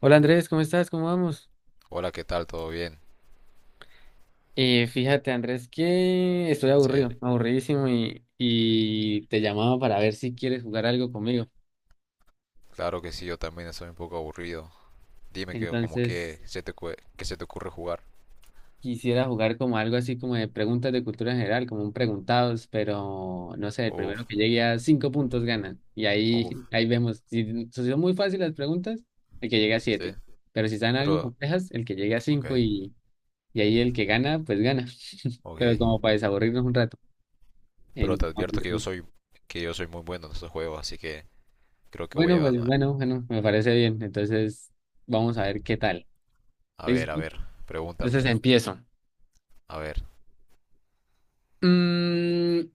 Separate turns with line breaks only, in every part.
Hola Andrés, ¿cómo estás? ¿Cómo vamos?
Hola, ¿qué tal? ¿Todo bien?
Fíjate Andrés que estoy
Sí,
aburrido, aburridísimo y te llamaba para ver si quieres jugar algo conmigo.
claro que sí, yo también estoy un poco aburrido. Dime que como
Entonces
que que se te ocurre jugar.
quisiera jugar como algo así como de preguntas de cultura general, como un preguntados, pero no sé, el primero
Uf,
que llegue a cinco puntos gana. Y
uf,
ahí vemos, si son muy fáciles las preguntas, el que llegue a
sí.
siete. Pero si están algo
Pero,
complejas, el que llegue a
ok,
cinco y ahí el que gana, pues gana.
ok.
Pero como para desaburrirnos un rato.
Pero te advierto que yo
Entonces...
soy, que yo soy muy bueno en estos juegos, así que creo que voy
Bueno,
a
pues
ganar.
bueno, bueno, me parece bien. Entonces, vamos a ver qué tal.
A
¿Listo?
ver, pregúntame.
Entonces empiezo.
A ver.
Mm,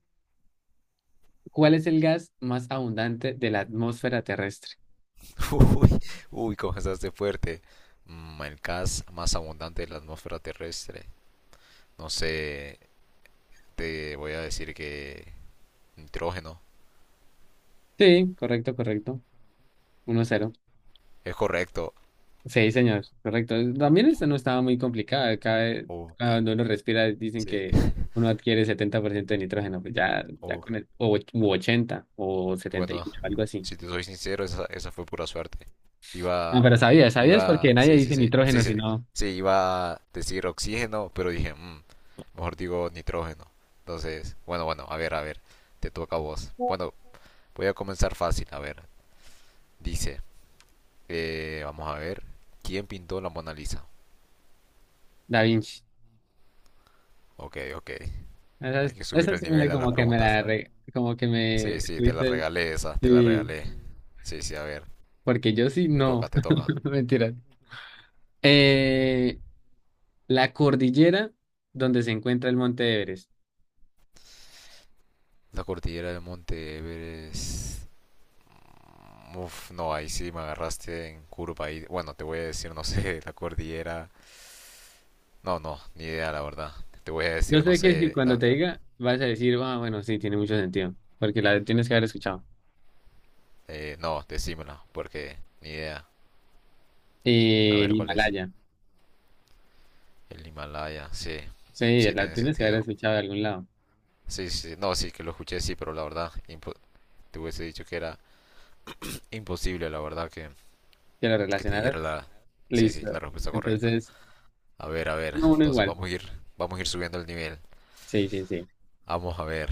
¿Cuál es el gas más abundante de la atmósfera terrestre?
Uy, uy, comenzaste fuerte. El gas más abundante de la atmósfera terrestre. No sé, te voy a decir que nitrógeno.
Sí, correcto, correcto. 1-0.
Es correcto.
Sí, señor, correcto. También esta no estaba muy complicada. Cada,
Uh,
cada cuando uno respira dicen
sí.
que uno adquiere 70% de nitrógeno. Pues ya, ya
Oh,
con el u 80 o
bueno,
78, algo así.
si te soy sincero, esa fue pura suerte.
No,
Iba,
pero sabías, sabías porque nadie
sí, sí,
dice
sí, sí,
nitrógeno,
sí,
sino
sí, iba a decir oxígeno, pero dije, "Mm, mejor digo nitrógeno." Entonces, bueno, bueno, a ver, te toca a vos. Bueno, voy a comenzar fácil, a ver. Dice, vamos a ver, ¿quién pintó la Mona Lisa?
Da Vinci.
Ok, ok,
Esa,
hay que subir
esa
el
sí me
nivel a las
como que
preguntas.
como que
Sí,
me
sí, te la
fuiste,
regalé esa, te la
sí,
regalé. Sí, sí, a ver,
porque yo sí
te
no,
toca, te toca.
mentira. Eh, la cordillera donde se encuentra el Monte Everest.
La cordillera del Monte Everest. Mm, uf, no, ahí sí me agarraste en curva ahí. Bueno, te voy a decir, no sé, la cordillera. No, no, ni idea, la verdad. Te voy a
Yo
decir, no
sé que si
sé,
cuando
la...
te diga vas a decir, ah, bueno, sí, tiene mucho sentido, porque la tienes que haber escuchado.
No, decímela, porque ni idea. A
El
ver cuál es.
Himalaya,
El Himalaya, sí,
sí,
sí
la
tiene
tienes que haber
sentido.
escuchado de algún lado,
Sí, sí, no, sí que lo escuché, sí, pero la verdad, te hubiese dicho que era imposible, la verdad, que,
que lo
que te
relacionaras,
dijera. Sí, sí,
listo.
la respuesta correcta.
Entonces,
A ver,
1-1
entonces
igual,
vamos a ir subiendo el nivel.
sí, sí, sí.
Vamos a ver,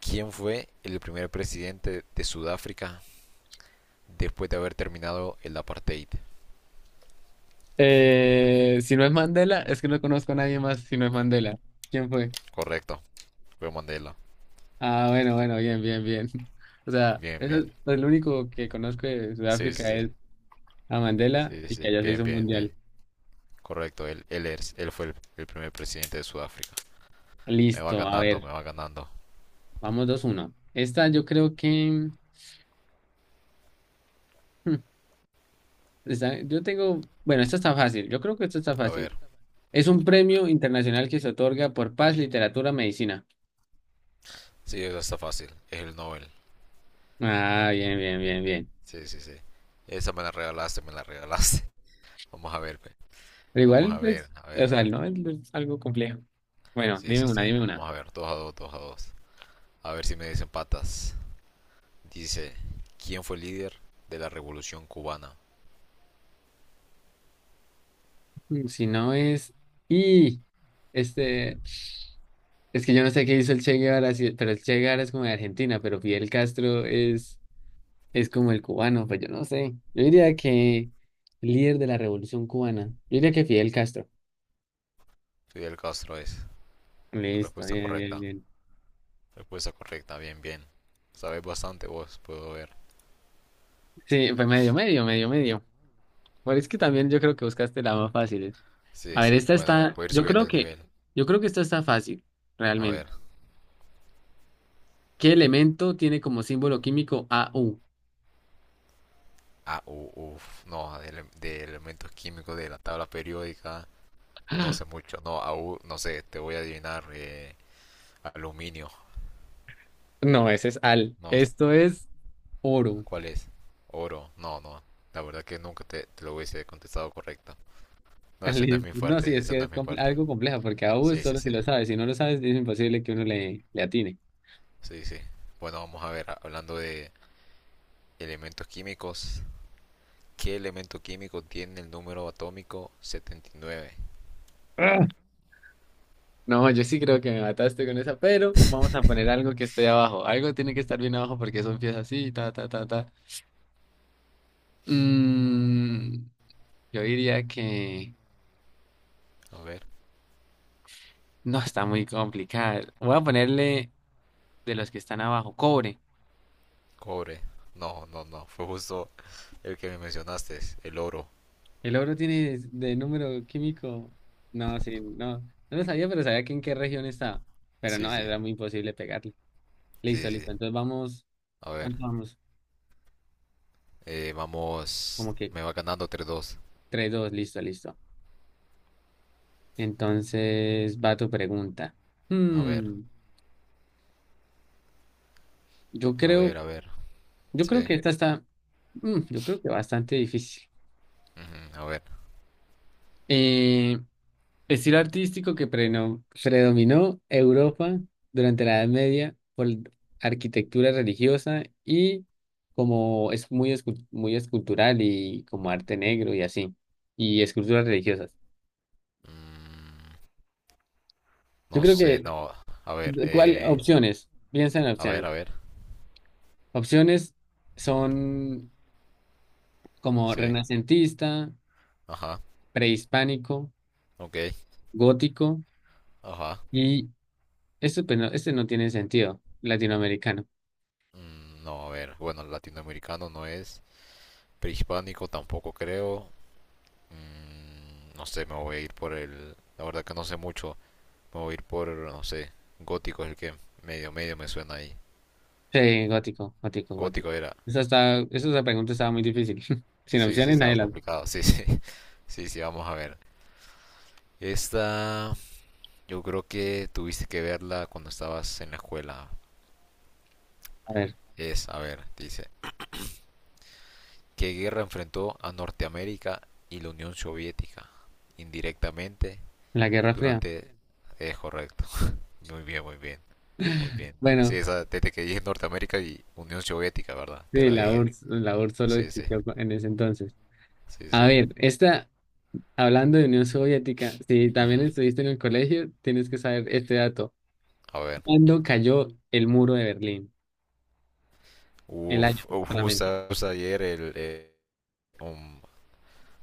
¿quién fue el primer presidente de Sudáfrica después de haber terminado el apartheid?
Si no es Mandela, es que no conozco a nadie más si no es Mandela. ¿Quién fue?
Correcto, fue Mandela.
Ah, bueno, bueno, bien, bien, bien. O sea,
Bien,
eso
bien.
es el único que conozco de
Sí, sí,
Sudáfrica
sí.
es a Mandela
Sí, sí,
y que
sí.
allá se hizo
Bien,
un
bien, bien.
mundial.
Correcto, él fue el primer presidente de Sudáfrica. Me va
Listo, a
ganando,
ver,
me va ganando.
vamos 2-1. Esta yo creo que... hmm, yo tengo... Bueno, esta está fácil, yo creo que esta está
A ver,
fácil. Es un premio internacional que se otorga por paz, literatura, medicina.
sí, eso está fácil. Es el Nobel.
Ah, bien, bien, bien, bien.
Sí, sí, sí. Esa me la regalaste, me la regalaste. Vamos a ver, pe.
Pero
Vamos
igual,
a ver,
pues,
a
o
ver.
sea, no es, no es algo complejo. Bueno,
Sí,
dime
sí,
una,
sí.
dime una.
Vamos a ver. Dos a dos, dos a dos. A ver si me dicen patas. Dice, ¿quién fue el líder de la revolución cubana?
Mm, si no es... Y... Este... Es que yo no sé qué hizo el Che Guevara, pero el Che Guevara es como de Argentina, pero Fidel Castro es como el cubano, pues yo no sé. Yo diría que el líder de la revolución cubana. Yo diría que Fidel Castro.
Fidel Castro es.
Listo,
Respuesta
bien, bien,
correcta.
bien.
Respuesta correcta, bien, bien. Sabes bastante vos, puedo ver.
Sí, fue medio, medio, medio, medio. Pero es que también yo creo que buscaste la más fácil, ¿eh?
Sí,
A ver,
sí,
esta
bueno,
está,
puedo ir
yo
subiendo
creo
el
que,
nivel.
yo creo que esta está fácil,
A ver.
realmente. ¿Qué elemento tiene como símbolo químico Au?
Ah, uf, no, de elementos químicos de la tabla periódica, no sé mucho. No, aún, no sé, te voy a adivinar. Aluminio,
No, ese es al.
no,
Esto es oro.
¿cuál es? Oro, no, no. La verdad que nunca te lo hubiese contestado correcta. No, ese no es
Listo.
mi
No, sí,
fuerte,
es
ese
que
no
es
es mi fuerte.
algo complejo, porque a U
Sí, sí,
solo si
sí.
lo sabes, si no lo sabes, es imposible que uno le atine.
Sí, sí. Bueno, vamos a ver, hablando de elementos químicos, ¿qué elemento químico tiene el número atómico 79?
Ah. No, yo sí creo que me mataste con esa, pero vamos a poner algo que esté abajo. Algo tiene que estar bien abajo porque eso empieza así, ta, ta, ta, ta. Mm, yo diría que
A ver,
no está muy complicado. Voy a ponerle de los que están abajo, cobre.
cobre. No, no, no, fue justo el que me mencionaste, el oro.
El oro tiene de número químico. No, sí, no. No lo sabía, pero sabía que en qué región estaba. Pero
Sí,
no,
sí,
era muy imposible pegarle.
sí,
Listo,
sí.
listo. Entonces vamos,
A ver,
¿cuánto vamos?
vamos,
Como que
me va ganando 3 dos.
3-2, listo, listo. Entonces va tu pregunta.
A ver,
Hmm, yo
a ver,
creo,
a ver.
yo
Sí,
creo que esta está, yo creo que bastante difícil.
ujú, a ver.
Eh, estilo artístico que predominó Europa durante la Edad Media por arquitectura religiosa y como es muy, muy escultural y como arte negro y así, y esculturas religiosas.
Mm,
Yo
no
creo
sé,
que
no, a ver,
¿De ¿cuál? Opciones. Piensa en
a ver,
opciones.
a ver.
Opciones son como
Sí,
renacentista,
ajá,
prehispánico,
ok,
gótico
ajá.
y esto, pues, no, este no tiene sentido, latinoamericano.
No, a ver, bueno, latinoamericano no es, prehispánico tampoco creo, no sé, me voy a ir la verdad que no sé mucho, me voy a ir por, no sé, gótico es el que medio medio me suena ahí.
Sí, gótico, gótico, gótico.
Gótico era,
Esa, esa pregunta estaba muy difícil. Sin
sí, sí,
opciones, nadie
estaba
la...
complicado, sí, sí, sí, sí, vamos a ver. Esta, yo creo que tuviste que verla cuando estabas en la escuela.
A ver,
A ver, dice, ¿qué guerra enfrentó a Norteamérica y la Unión Soviética? Indirectamente,
la Guerra Fría.
Durante... Es correcto. Muy bien, muy bien, muy bien. Sí,
Bueno,
esa, desde que dije Norteamérica y Unión Soviética, ¿verdad? Te
sí,
la dije.
la URSS solo
Sí, sí,
existió en ese entonces.
sí, sí.
A ver, esta, hablando de Unión Soviética, si también
Ujú.
estuviste en el colegio, tienes que saber este dato.
A ver.
¿Cuándo cayó el muro de Berlín? El año
Uf, uf,
solamente.
justo, justo ayer. Um,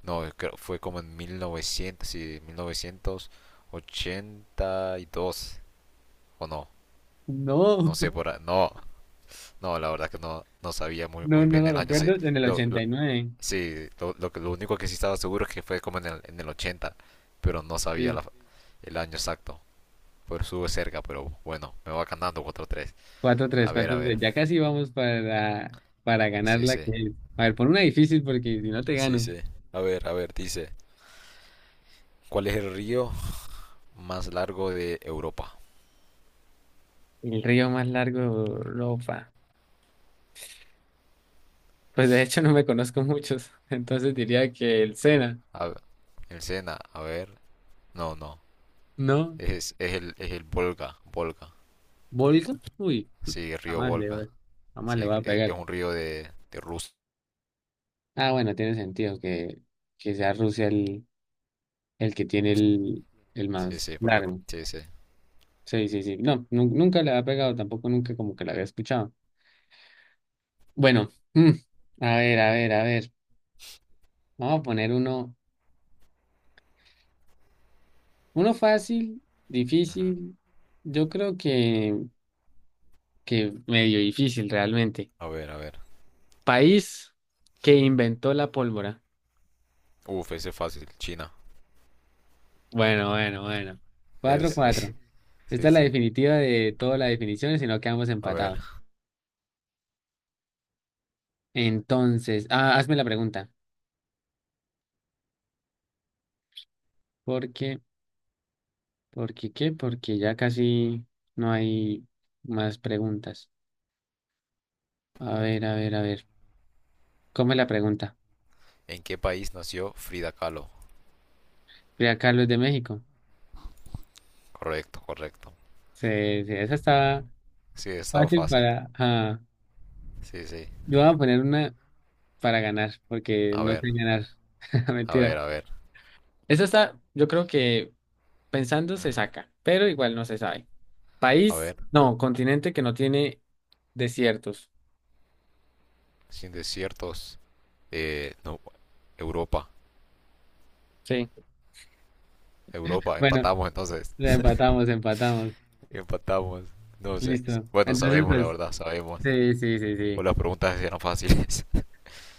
no, fue como en 1900, sí, 1982. O no,
No,
no sé No, no, la verdad que no sabía muy,
no,
muy
no
bien
lo
el año. Sí,
recuerdo. En el
lo, lo-
89.
sí, lo único que sí estaba seguro es que fue como en el 80, pero no sabía
Sí,
el año exacto. Pero estuve cerca, pero bueno, me va ganando 4 tres.
4-3,
A ver, a
4-3.
ver.
Ya casi vamos para, ganar
Sí,
la
sí.
que es. A ver, pon una difícil porque si no te
Sí,
gano.
sí. A ver, dice. ¿Cuál es el río más largo de Europa?
El río más largo de Europa. Pues de hecho no me conozco muchos. Entonces diría que el Sena.
A ver, el Sena, a ver. No, no.
¿No?
Es el Volga, Volga.
¿Volga? Uy,
Sí, el río
jamás le,
Volga.
voy- jamás le
Sí,
voy a
es
pegar.
un río de Rusia.
Ah, bueno, tiene sentido que sea Rusia el que tiene el
Sí,
más
sí,
largo.
sí, sí.
Sí, sí, sí. No, nunca la había pegado, tampoco nunca como que la había escuchado. Bueno, a ver, a ver, a ver. Vamos a poner uno, uno fácil,
Ujú.
difícil. Yo creo que medio difícil realmente.
A ver, a ver.
País que inventó la pólvora.
Uf, ese es fácil. China.
Bueno, bueno, bueno. Cuatro,
Sí,
cuatro. Esta
sí,
es la
sí.
definitiva de todas las definiciones, si no quedamos
A ver,
empatados. Entonces, ah, hazme la pregunta. ¿Por qué? ¿Por qué qué? Porque ya casi no hay más preguntas. A ver, a ver, a ver. ¿Cómo es la pregunta?
¿en qué país nació Frida Kahlo?
Frida Carlos de México.
Correcto, correcto.
Sí, sí, esa está
Sí, estaba
fácil
fácil.
para. Ah,
Sí, sí.
yo voy a poner una para ganar, porque
A
no
ver,
sé ganar.
a ver,
Mentira.
a ver.
Esa está, yo creo que pensando se
Ujú.
saca, pero igual no se sabe.
A ver,
País, no, continente que no tiene desiertos.
sin desiertos. No, Europa.
Sí.
Europa,
Bueno,
empatamos entonces.
la empatamos, empatamos.
Empatamos. No sé.
Listo.
Bueno,
Entonces,
sabemos, la
pues,
verdad, sabemos.
sí, sí, sí,
O
sí.
las preguntas eran fáciles.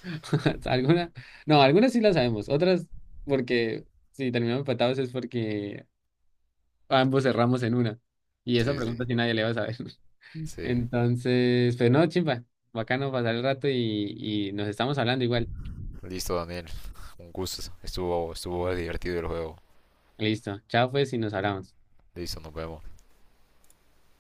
Algunas, no, algunas sí las sabemos, otras porque si terminamos empatados es porque ambos cerramos en una. Y esa
Sí, sí,
pregunta sí nadie le va a saber.
sí.
Entonces, pero no, chimpa, bacano pasar el rato y nos estamos hablando igual.
Listo, Daniel. Un gusto. Estuvo divertido el juego.
Listo, chao pues y nos hablamos.
Listo, nos vemos.